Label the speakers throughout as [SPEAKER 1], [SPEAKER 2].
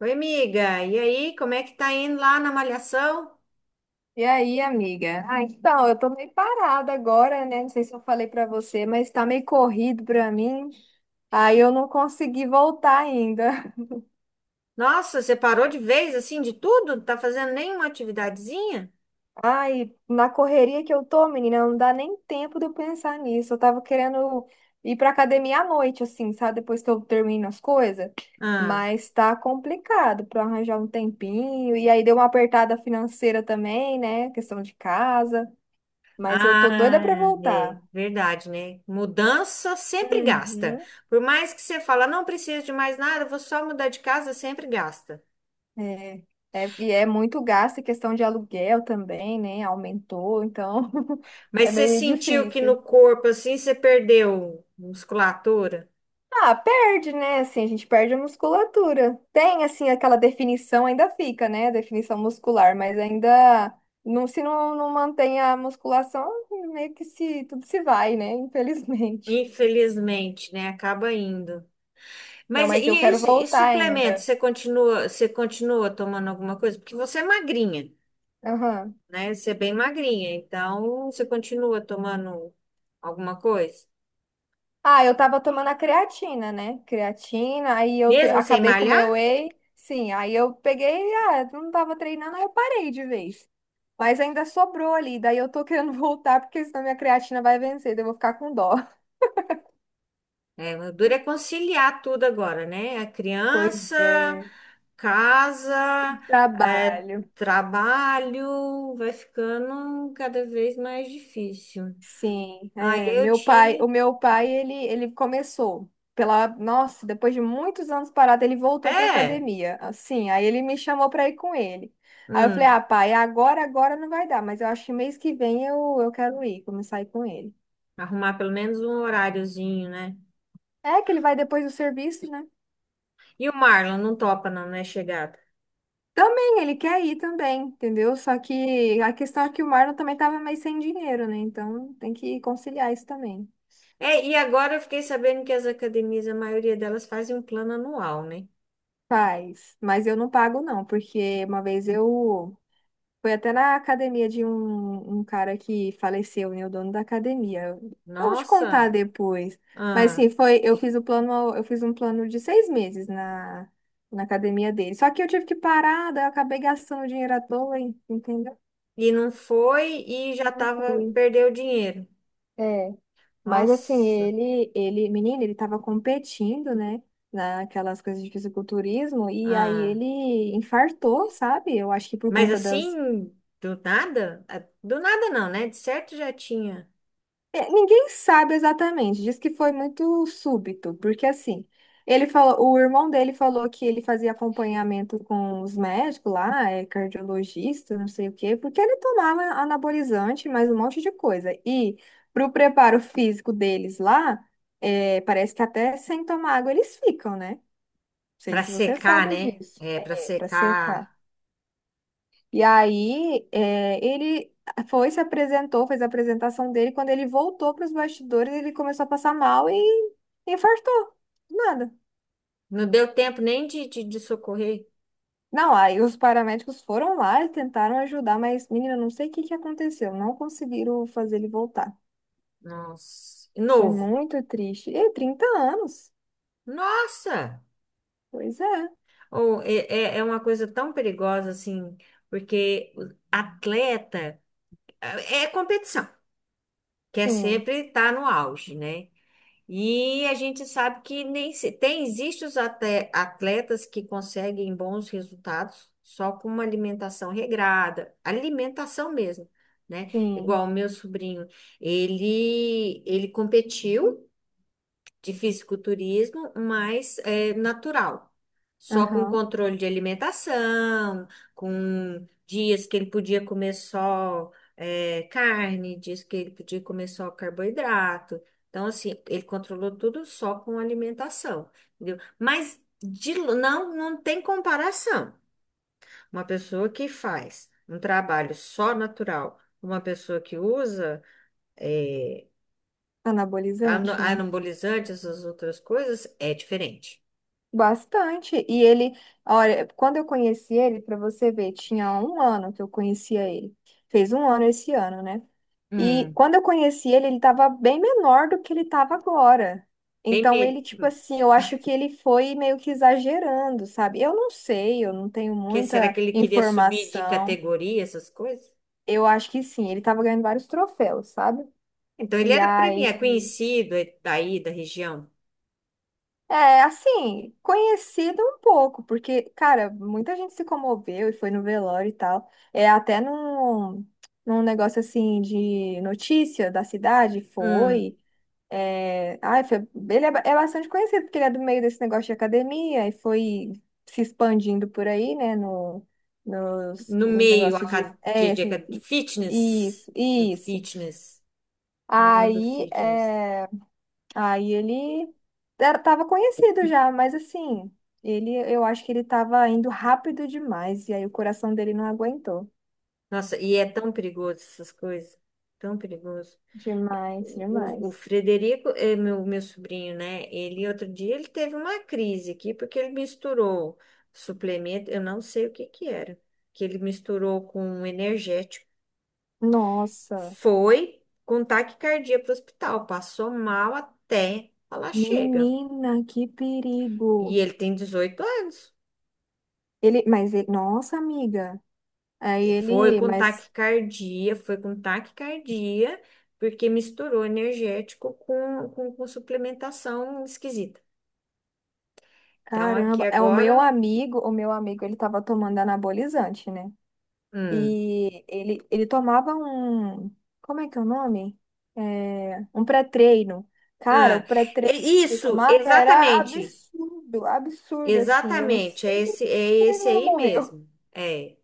[SPEAKER 1] Oi, amiga. E aí, como é que tá indo lá na malhação?
[SPEAKER 2] E aí, amiga? Ah, então, eu tô meio parada agora, né? Não sei se eu falei pra você, mas tá meio corrido pra mim. Aí eu não consegui voltar ainda.
[SPEAKER 1] Nossa, você parou de vez assim de tudo? Não tá fazendo nenhuma atividadezinha?
[SPEAKER 2] Ai, na correria que eu tô, menina, não dá nem tempo de eu pensar nisso. Eu tava querendo ir pra academia à noite, assim, sabe? Depois que eu termino as coisas.
[SPEAKER 1] Ah,
[SPEAKER 2] Mas tá complicado pra arranjar um tempinho. E aí deu uma apertada financeira também, né? Questão de casa. Mas eu tô doida pra
[SPEAKER 1] ah, é
[SPEAKER 2] voltar.
[SPEAKER 1] verdade, né? Mudança sempre gasta.
[SPEAKER 2] Uhum.
[SPEAKER 1] Por mais que você fala, não preciso de mais nada, vou só mudar de casa, sempre gasta.
[SPEAKER 2] É, e é muito gasto, e questão de aluguel também, né? Aumentou, então
[SPEAKER 1] Mas
[SPEAKER 2] é
[SPEAKER 1] você
[SPEAKER 2] meio
[SPEAKER 1] sentiu que
[SPEAKER 2] difícil.
[SPEAKER 1] no corpo assim você perdeu musculatura?
[SPEAKER 2] Ah, perde, né? Assim, a gente perde a musculatura. Tem, assim, aquela definição ainda fica, né? a definição muscular, mas ainda não, se não, não mantém a musculação, meio que se, tudo se vai, né? Infelizmente.
[SPEAKER 1] Infelizmente, né? Acaba indo.
[SPEAKER 2] Não,
[SPEAKER 1] Mas e,
[SPEAKER 2] mas eu quero
[SPEAKER 1] isso, e
[SPEAKER 2] voltar
[SPEAKER 1] suplemento?
[SPEAKER 2] ainda.
[SPEAKER 1] Você continua tomando alguma coisa? Porque você é magrinha,
[SPEAKER 2] Aham.
[SPEAKER 1] né? Você é bem magrinha, então você continua tomando alguma coisa?
[SPEAKER 2] Ah, eu tava tomando a creatina, né? Creatina, aí eu
[SPEAKER 1] Mesmo sem
[SPEAKER 2] acabei com o
[SPEAKER 1] malhar?
[SPEAKER 2] meu whey. Sim, aí eu peguei, ah, não tava treinando, aí eu parei de vez. Mas ainda sobrou ali, daí eu tô querendo voltar, porque senão minha creatina vai vencer, daí eu vou ficar com dó.
[SPEAKER 1] É, o duro é conciliar tudo agora, né? A criança,
[SPEAKER 2] Pois é,
[SPEAKER 1] casa, é,
[SPEAKER 2] trabalho.
[SPEAKER 1] trabalho, vai ficando cada vez mais difícil.
[SPEAKER 2] Sim,
[SPEAKER 1] Aí
[SPEAKER 2] é,
[SPEAKER 1] eu
[SPEAKER 2] meu pai, o
[SPEAKER 1] tinha.
[SPEAKER 2] meu pai, ele começou pela, nossa, depois de muitos anos parado, ele voltou para
[SPEAKER 1] É,
[SPEAKER 2] academia. Assim, aí ele me chamou para ir com ele. Aí eu falei:
[SPEAKER 1] hum,
[SPEAKER 2] "Ah, pai, agora não vai dar, mas eu acho que mês que vem eu quero ir, começar a ir com ele".
[SPEAKER 1] arrumar pelo menos um horáriozinho, né?
[SPEAKER 2] É que ele vai depois do serviço, né?
[SPEAKER 1] E o Marlon não topa, não, não é chegada.
[SPEAKER 2] Também ele quer ir também, entendeu? Só que a questão é que o Marlon também tava meio sem dinheiro, né? Então tem que conciliar isso também.
[SPEAKER 1] É, e agora eu fiquei sabendo que as academias, a maioria delas fazem um plano anual, né?
[SPEAKER 2] Faz, mas eu não pago não, porque uma vez eu foi até na academia de um cara que faleceu, né? O dono da academia. Eu vou te contar
[SPEAKER 1] Nossa!
[SPEAKER 2] depois. Mas
[SPEAKER 1] Ah,
[SPEAKER 2] sim, foi, eu fiz o plano, eu fiz um plano de 6 meses na academia dele. Só que eu tive que parar, daí eu acabei gastando dinheiro à toa, hein, entendeu?
[SPEAKER 1] e não foi e já
[SPEAKER 2] Não
[SPEAKER 1] tava,
[SPEAKER 2] fui.
[SPEAKER 1] perdeu o dinheiro.
[SPEAKER 2] É. Mas assim,
[SPEAKER 1] Nossa!
[SPEAKER 2] menino, ele tava competindo, né? Naquelas coisas de fisiculturismo, e aí
[SPEAKER 1] Ah,
[SPEAKER 2] ele infartou, sabe? Eu acho que por
[SPEAKER 1] mas
[SPEAKER 2] conta das
[SPEAKER 1] assim, do nada? Ah, do nada não, né? De certo já tinha.
[SPEAKER 2] é, ninguém sabe exatamente, diz que foi muito súbito, porque assim, ele falou, o irmão dele falou que ele fazia acompanhamento com os médicos lá, é cardiologista, não sei o quê, porque ele tomava anabolizante, mais um monte de coisa. E pro preparo físico deles lá, é, parece que até sem tomar água eles ficam, né? Não sei
[SPEAKER 1] Pra
[SPEAKER 2] se você
[SPEAKER 1] secar,
[SPEAKER 2] sabe
[SPEAKER 1] né?
[SPEAKER 2] disso.
[SPEAKER 1] É, pra
[SPEAKER 2] É, para secar.
[SPEAKER 1] secar.
[SPEAKER 2] E aí, é, ele foi, se apresentou, fez a apresentação dele. Quando ele voltou para os bastidores, ele começou a passar mal e infartou. Do nada.
[SPEAKER 1] Não deu tempo nem de socorrer.
[SPEAKER 2] Não, aí os paramédicos foram lá e tentaram ajudar, mas, menina, não sei o que que aconteceu. Não conseguiram fazer ele voltar.
[SPEAKER 1] Nossa!
[SPEAKER 2] Foi
[SPEAKER 1] Novo.
[SPEAKER 2] muito triste. E 30 anos.
[SPEAKER 1] Nossa!
[SPEAKER 2] Pois é.
[SPEAKER 1] Ou é uma coisa tão perigosa assim, porque o atleta é competição, quer
[SPEAKER 2] Sim,
[SPEAKER 1] sempre estar no auge, né? E a gente sabe que nem se- tem existem os atletas que conseguem bons resultados só com uma alimentação regrada, alimentação mesmo, né?
[SPEAKER 2] sim.
[SPEAKER 1] Igual o meu sobrinho, ele competiu de fisiculturismo, mas é natural. Só com
[SPEAKER 2] Aham.
[SPEAKER 1] controle de alimentação, com dias que ele podia comer só carne, dias que ele podia comer só carboidrato. Então, assim, ele controlou tudo só com alimentação, entendeu? Mas não, não tem comparação. Uma pessoa que faz um trabalho só natural, uma pessoa que usa é,
[SPEAKER 2] Anabolizante, né?
[SPEAKER 1] anabolizante, essas outras coisas, é diferente.
[SPEAKER 2] Bastante. E ele, olha, quando eu conheci ele, para você ver, tinha um ano que eu conhecia ele. Fez um ano esse ano, né? E
[SPEAKER 1] Hum,
[SPEAKER 2] quando eu conheci ele, ele estava bem menor do que ele estava agora.
[SPEAKER 1] bem,
[SPEAKER 2] Então ele, tipo assim, eu acho que ele foi meio que exagerando, sabe? Eu não sei, eu não tenho
[SPEAKER 1] que será
[SPEAKER 2] muita
[SPEAKER 1] que ele queria subir de
[SPEAKER 2] informação.
[SPEAKER 1] categoria, essas coisas?
[SPEAKER 2] Eu acho que sim, ele estava ganhando vários troféus, sabe?
[SPEAKER 1] Então ele
[SPEAKER 2] E
[SPEAKER 1] era
[SPEAKER 2] aí
[SPEAKER 1] premiado, conhecido daí da região.
[SPEAKER 2] é, assim, conhecido um pouco, porque, cara, muita gente se comoveu e foi no velório e tal. É, até num negócio assim de notícia da cidade,
[SPEAKER 1] Hum,
[SPEAKER 2] foi. É, ai, foi, ele é, é bastante conhecido, porque ele é do meio desse negócio de academia e foi se expandindo por aí, né, no, nos,
[SPEAKER 1] no
[SPEAKER 2] nos
[SPEAKER 1] meio
[SPEAKER 2] negócios de. É,
[SPEAKER 1] de fitness,
[SPEAKER 2] isso,
[SPEAKER 1] do
[SPEAKER 2] isso.
[SPEAKER 1] fitness, no mundo
[SPEAKER 2] Aí,
[SPEAKER 1] fitness.
[SPEAKER 2] é. Aí ele era, tava conhecido já, mas assim, ele, eu acho que ele tava indo rápido demais, e aí o coração dele não aguentou.
[SPEAKER 1] Nossa, e é tão perigoso essas coisas, tão perigoso.
[SPEAKER 2] Demais,
[SPEAKER 1] O
[SPEAKER 2] demais.
[SPEAKER 1] Frederico é meu sobrinho, né? Ele outro dia ele teve uma crise aqui porque ele misturou suplemento, eu não sei o que que era, que ele misturou com um energético,
[SPEAKER 2] Nossa,
[SPEAKER 1] foi com taquicardia para o hospital, passou mal até falar chega.
[SPEAKER 2] menina, que
[SPEAKER 1] E
[SPEAKER 2] perigo.
[SPEAKER 1] ele tem 18 anos.
[SPEAKER 2] Ele, mas ele, nossa, amiga. Aí
[SPEAKER 1] E Foi
[SPEAKER 2] ele,
[SPEAKER 1] com
[SPEAKER 2] mas
[SPEAKER 1] taquicardia, foi com taquicardia, porque misturou energético com suplementação esquisita. Então aqui
[SPEAKER 2] caramba, é
[SPEAKER 1] agora.
[SPEAKER 2] o meu amigo, ele tava tomando anabolizante, né?
[SPEAKER 1] hum,
[SPEAKER 2] E ele tomava um. Como é que é o nome? É, um pré-treino. Cara, o
[SPEAKER 1] Ah, é
[SPEAKER 2] pré-treino que ele
[SPEAKER 1] isso,
[SPEAKER 2] tomava era
[SPEAKER 1] exatamente,
[SPEAKER 2] absurdo, absurdo, assim. Eu não
[SPEAKER 1] exatamente,
[SPEAKER 2] sei como
[SPEAKER 1] é
[SPEAKER 2] ele
[SPEAKER 1] esse
[SPEAKER 2] não
[SPEAKER 1] aí
[SPEAKER 2] morreu.
[SPEAKER 1] mesmo. É.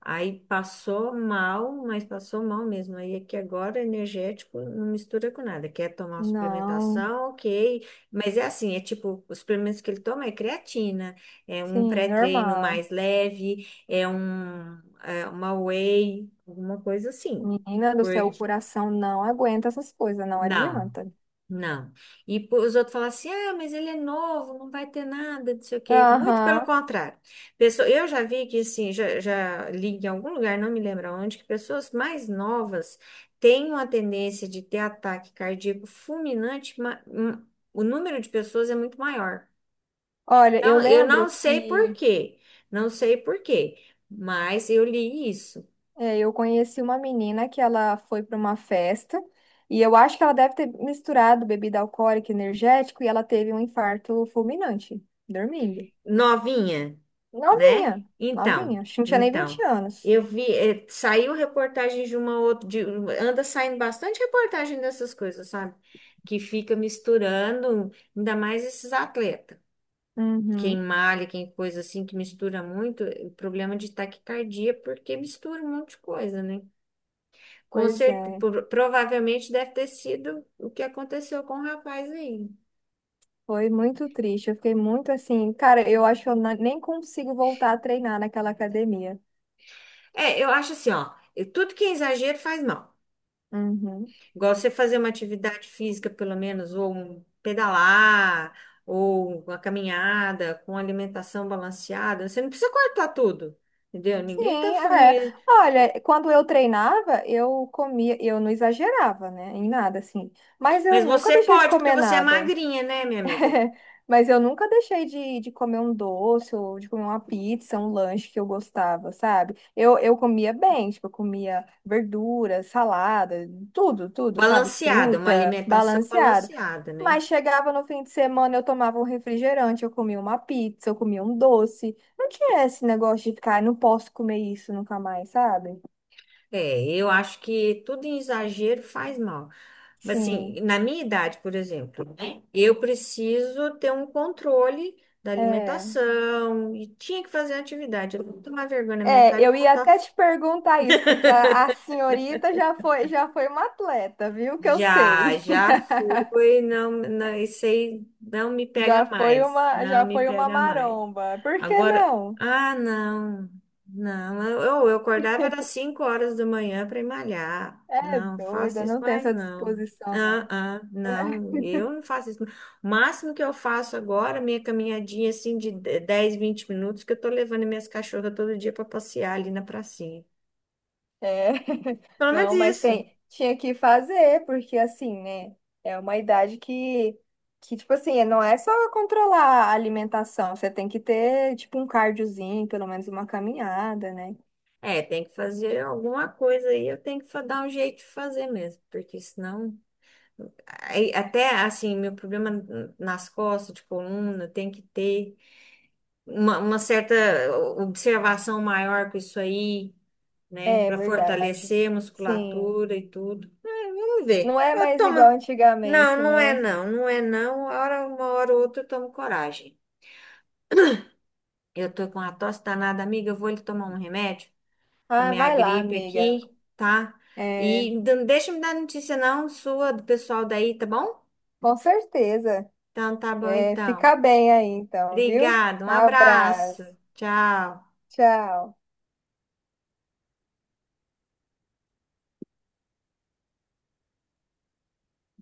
[SPEAKER 1] Aí passou mal, mas passou mal mesmo. Aí é que agora energético não mistura com nada. Quer tomar uma
[SPEAKER 2] Não,
[SPEAKER 1] suplementação, ok. Mas é assim, é tipo, os suplementos que ele toma é creatina, é um
[SPEAKER 2] sim,
[SPEAKER 1] pré-treino
[SPEAKER 2] normal.
[SPEAKER 1] mais leve, é um, é uma whey, alguma coisa assim.
[SPEAKER 2] Menina do
[SPEAKER 1] Por...
[SPEAKER 2] céu, o coração não aguenta essas coisas, não
[SPEAKER 1] Não.
[SPEAKER 2] adianta.
[SPEAKER 1] Não. E pô, os outros falam assim: ah, mas ele é novo, não vai ter nada, não sei o quê. Muito pelo
[SPEAKER 2] Aham.
[SPEAKER 1] contrário. Pessoa, eu já vi que, assim, já li em algum lugar, não me lembro onde, que pessoas mais novas têm uma tendência de ter ataque cardíaco fulminante, o número de pessoas é muito maior.
[SPEAKER 2] Olha, eu
[SPEAKER 1] Então, eu
[SPEAKER 2] lembro
[SPEAKER 1] não sei
[SPEAKER 2] que
[SPEAKER 1] por quê, não sei por quê, mas eu li isso.
[SPEAKER 2] é, eu conheci uma menina que ela foi para uma festa e eu acho que ela deve ter misturado bebida alcoólica e energético e ela teve um infarto fulminante, dormindo.
[SPEAKER 1] Novinha, né?
[SPEAKER 2] Novinha,
[SPEAKER 1] Então,
[SPEAKER 2] novinha, acho que não tinha nem 20
[SPEAKER 1] então,
[SPEAKER 2] anos.
[SPEAKER 1] eu vi, saiu reportagem de uma outra, anda saindo bastante reportagem dessas coisas, sabe? Que fica misturando, ainda mais esses atletas. Quem
[SPEAKER 2] Uhum,
[SPEAKER 1] malha, quem coisa assim, que mistura muito, problema de taquicardia, porque mistura um monte de coisa, né? Com
[SPEAKER 2] pois é,
[SPEAKER 1] certeza, provavelmente deve ter sido o que aconteceu com o rapaz aí.
[SPEAKER 2] foi muito triste. Eu fiquei muito assim, cara, eu acho que eu nem consigo voltar a treinar naquela academia.
[SPEAKER 1] É, eu acho assim, ó, tudo que é exagero faz mal.
[SPEAKER 2] Uhum.
[SPEAKER 1] Igual você fazer uma atividade física, pelo menos, ou um pedalar, ou uma caminhada com alimentação balanceada. Você não precisa cortar tudo, entendeu? Ninguém tá.
[SPEAKER 2] Sim, é. Olha, quando eu treinava, eu comia, eu não exagerava, né, em nada, assim. Mas eu
[SPEAKER 1] Mas
[SPEAKER 2] nunca
[SPEAKER 1] você
[SPEAKER 2] deixei de
[SPEAKER 1] pode, porque
[SPEAKER 2] comer
[SPEAKER 1] você é
[SPEAKER 2] nada.
[SPEAKER 1] magrinha, né, minha amiga?
[SPEAKER 2] Mas eu nunca deixei de, comer um doce ou de comer uma pizza, um lanche que eu gostava, sabe? eu comia bem, tipo, eu comia verdura, salada, tudo, tudo, sabe?
[SPEAKER 1] Balanceada, uma
[SPEAKER 2] Fruta,
[SPEAKER 1] alimentação
[SPEAKER 2] balanceada.
[SPEAKER 1] balanceada, né?
[SPEAKER 2] Mas chegava no fim de semana, eu tomava um refrigerante, eu comia uma pizza, eu comia um doce. Não tinha esse negócio de ficar, "Ai, não posso comer isso nunca mais, sabe?
[SPEAKER 1] É, eu acho que tudo em exagero faz mal. Mas
[SPEAKER 2] Sim,
[SPEAKER 1] assim, na minha idade, por exemplo, né, eu preciso ter um controle da
[SPEAKER 2] é.
[SPEAKER 1] alimentação e tinha que fazer atividade. Eu vou tomar vergonha na minha
[SPEAKER 2] É,
[SPEAKER 1] cara e
[SPEAKER 2] eu
[SPEAKER 1] vou
[SPEAKER 2] ia
[SPEAKER 1] botar.
[SPEAKER 2] até te perguntar isso, porque a, senhorita já foi uma atleta, viu? Que eu
[SPEAKER 1] Já,
[SPEAKER 2] sei.
[SPEAKER 1] já fui, não, não, isso aí não me pega mais, não
[SPEAKER 2] Já
[SPEAKER 1] me
[SPEAKER 2] foi uma
[SPEAKER 1] pega mais.
[SPEAKER 2] maromba. Por que
[SPEAKER 1] Agora,
[SPEAKER 2] não?
[SPEAKER 1] ah, não, não, eu acordava era 5 horas da manhã para ir malhar.
[SPEAKER 2] É
[SPEAKER 1] Não,
[SPEAKER 2] doida,
[SPEAKER 1] faço isso
[SPEAKER 2] não tem
[SPEAKER 1] mais
[SPEAKER 2] essa
[SPEAKER 1] não.
[SPEAKER 2] disposição,
[SPEAKER 1] Ah,
[SPEAKER 2] não.
[SPEAKER 1] ah, não, eu não faço isso. O máximo que eu faço agora, minha caminhadinha assim de 10, 20 minutos, que eu tô levando minhas cachorras todo dia para passear ali na pracinha.
[SPEAKER 2] É,
[SPEAKER 1] Pelo menos
[SPEAKER 2] não, mas
[SPEAKER 1] isso.
[SPEAKER 2] tem, tinha que fazer, porque assim, né? É uma idade que, tipo assim, não é só controlar a alimentação, você tem que ter, tipo, um cardiozinho, pelo menos uma caminhada, né?
[SPEAKER 1] É, tem que fazer alguma coisa aí, eu tenho que dar um jeito de fazer mesmo, porque senão. Aí, até assim, meu problema nas costas, de coluna, tem que ter uma certa observação maior com isso aí, né?
[SPEAKER 2] É
[SPEAKER 1] Para
[SPEAKER 2] verdade.
[SPEAKER 1] fortalecer a
[SPEAKER 2] Sim.
[SPEAKER 1] musculatura e tudo. É, vamos
[SPEAKER 2] Não
[SPEAKER 1] ver.
[SPEAKER 2] é
[SPEAKER 1] Eu
[SPEAKER 2] mais igual
[SPEAKER 1] tomo. Não,
[SPEAKER 2] antigamente,
[SPEAKER 1] não
[SPEAKER 2] né?
[SPEAKER 1] é não, não é não. Uma hora ou outra eu tomo coragem. Eu tô com a tosse danada, amiga. Eu vou lhe tomar um remédio para
[SPEAKER 2] Ah,
[SPEAKER 1] minha
[SPEAKER 2] vai lá,
[SPEAKER 1] gripe
[SPEAKER 2] amiga.
[SPEAKER 1] aqui, tá?
[SPEAKER 2] É,
[SPEAKER 1] E não deixa me dar notícia não sua, do pessoal daí, tá bom?
[SPEAKER 2] com certeza.
[SPEAKER 1] Então tá bom
[SPEAKER 2] É,
[SPEAKER 1] então.
[SPEAKER 2] fica bem aí, então, viu?
[SPEAKER 1] Obrigada, um abraço.
[SPEAKER 2] Abraço.
[SPEAKER 1] Tchau.
[SPEAKER 2] Tchau.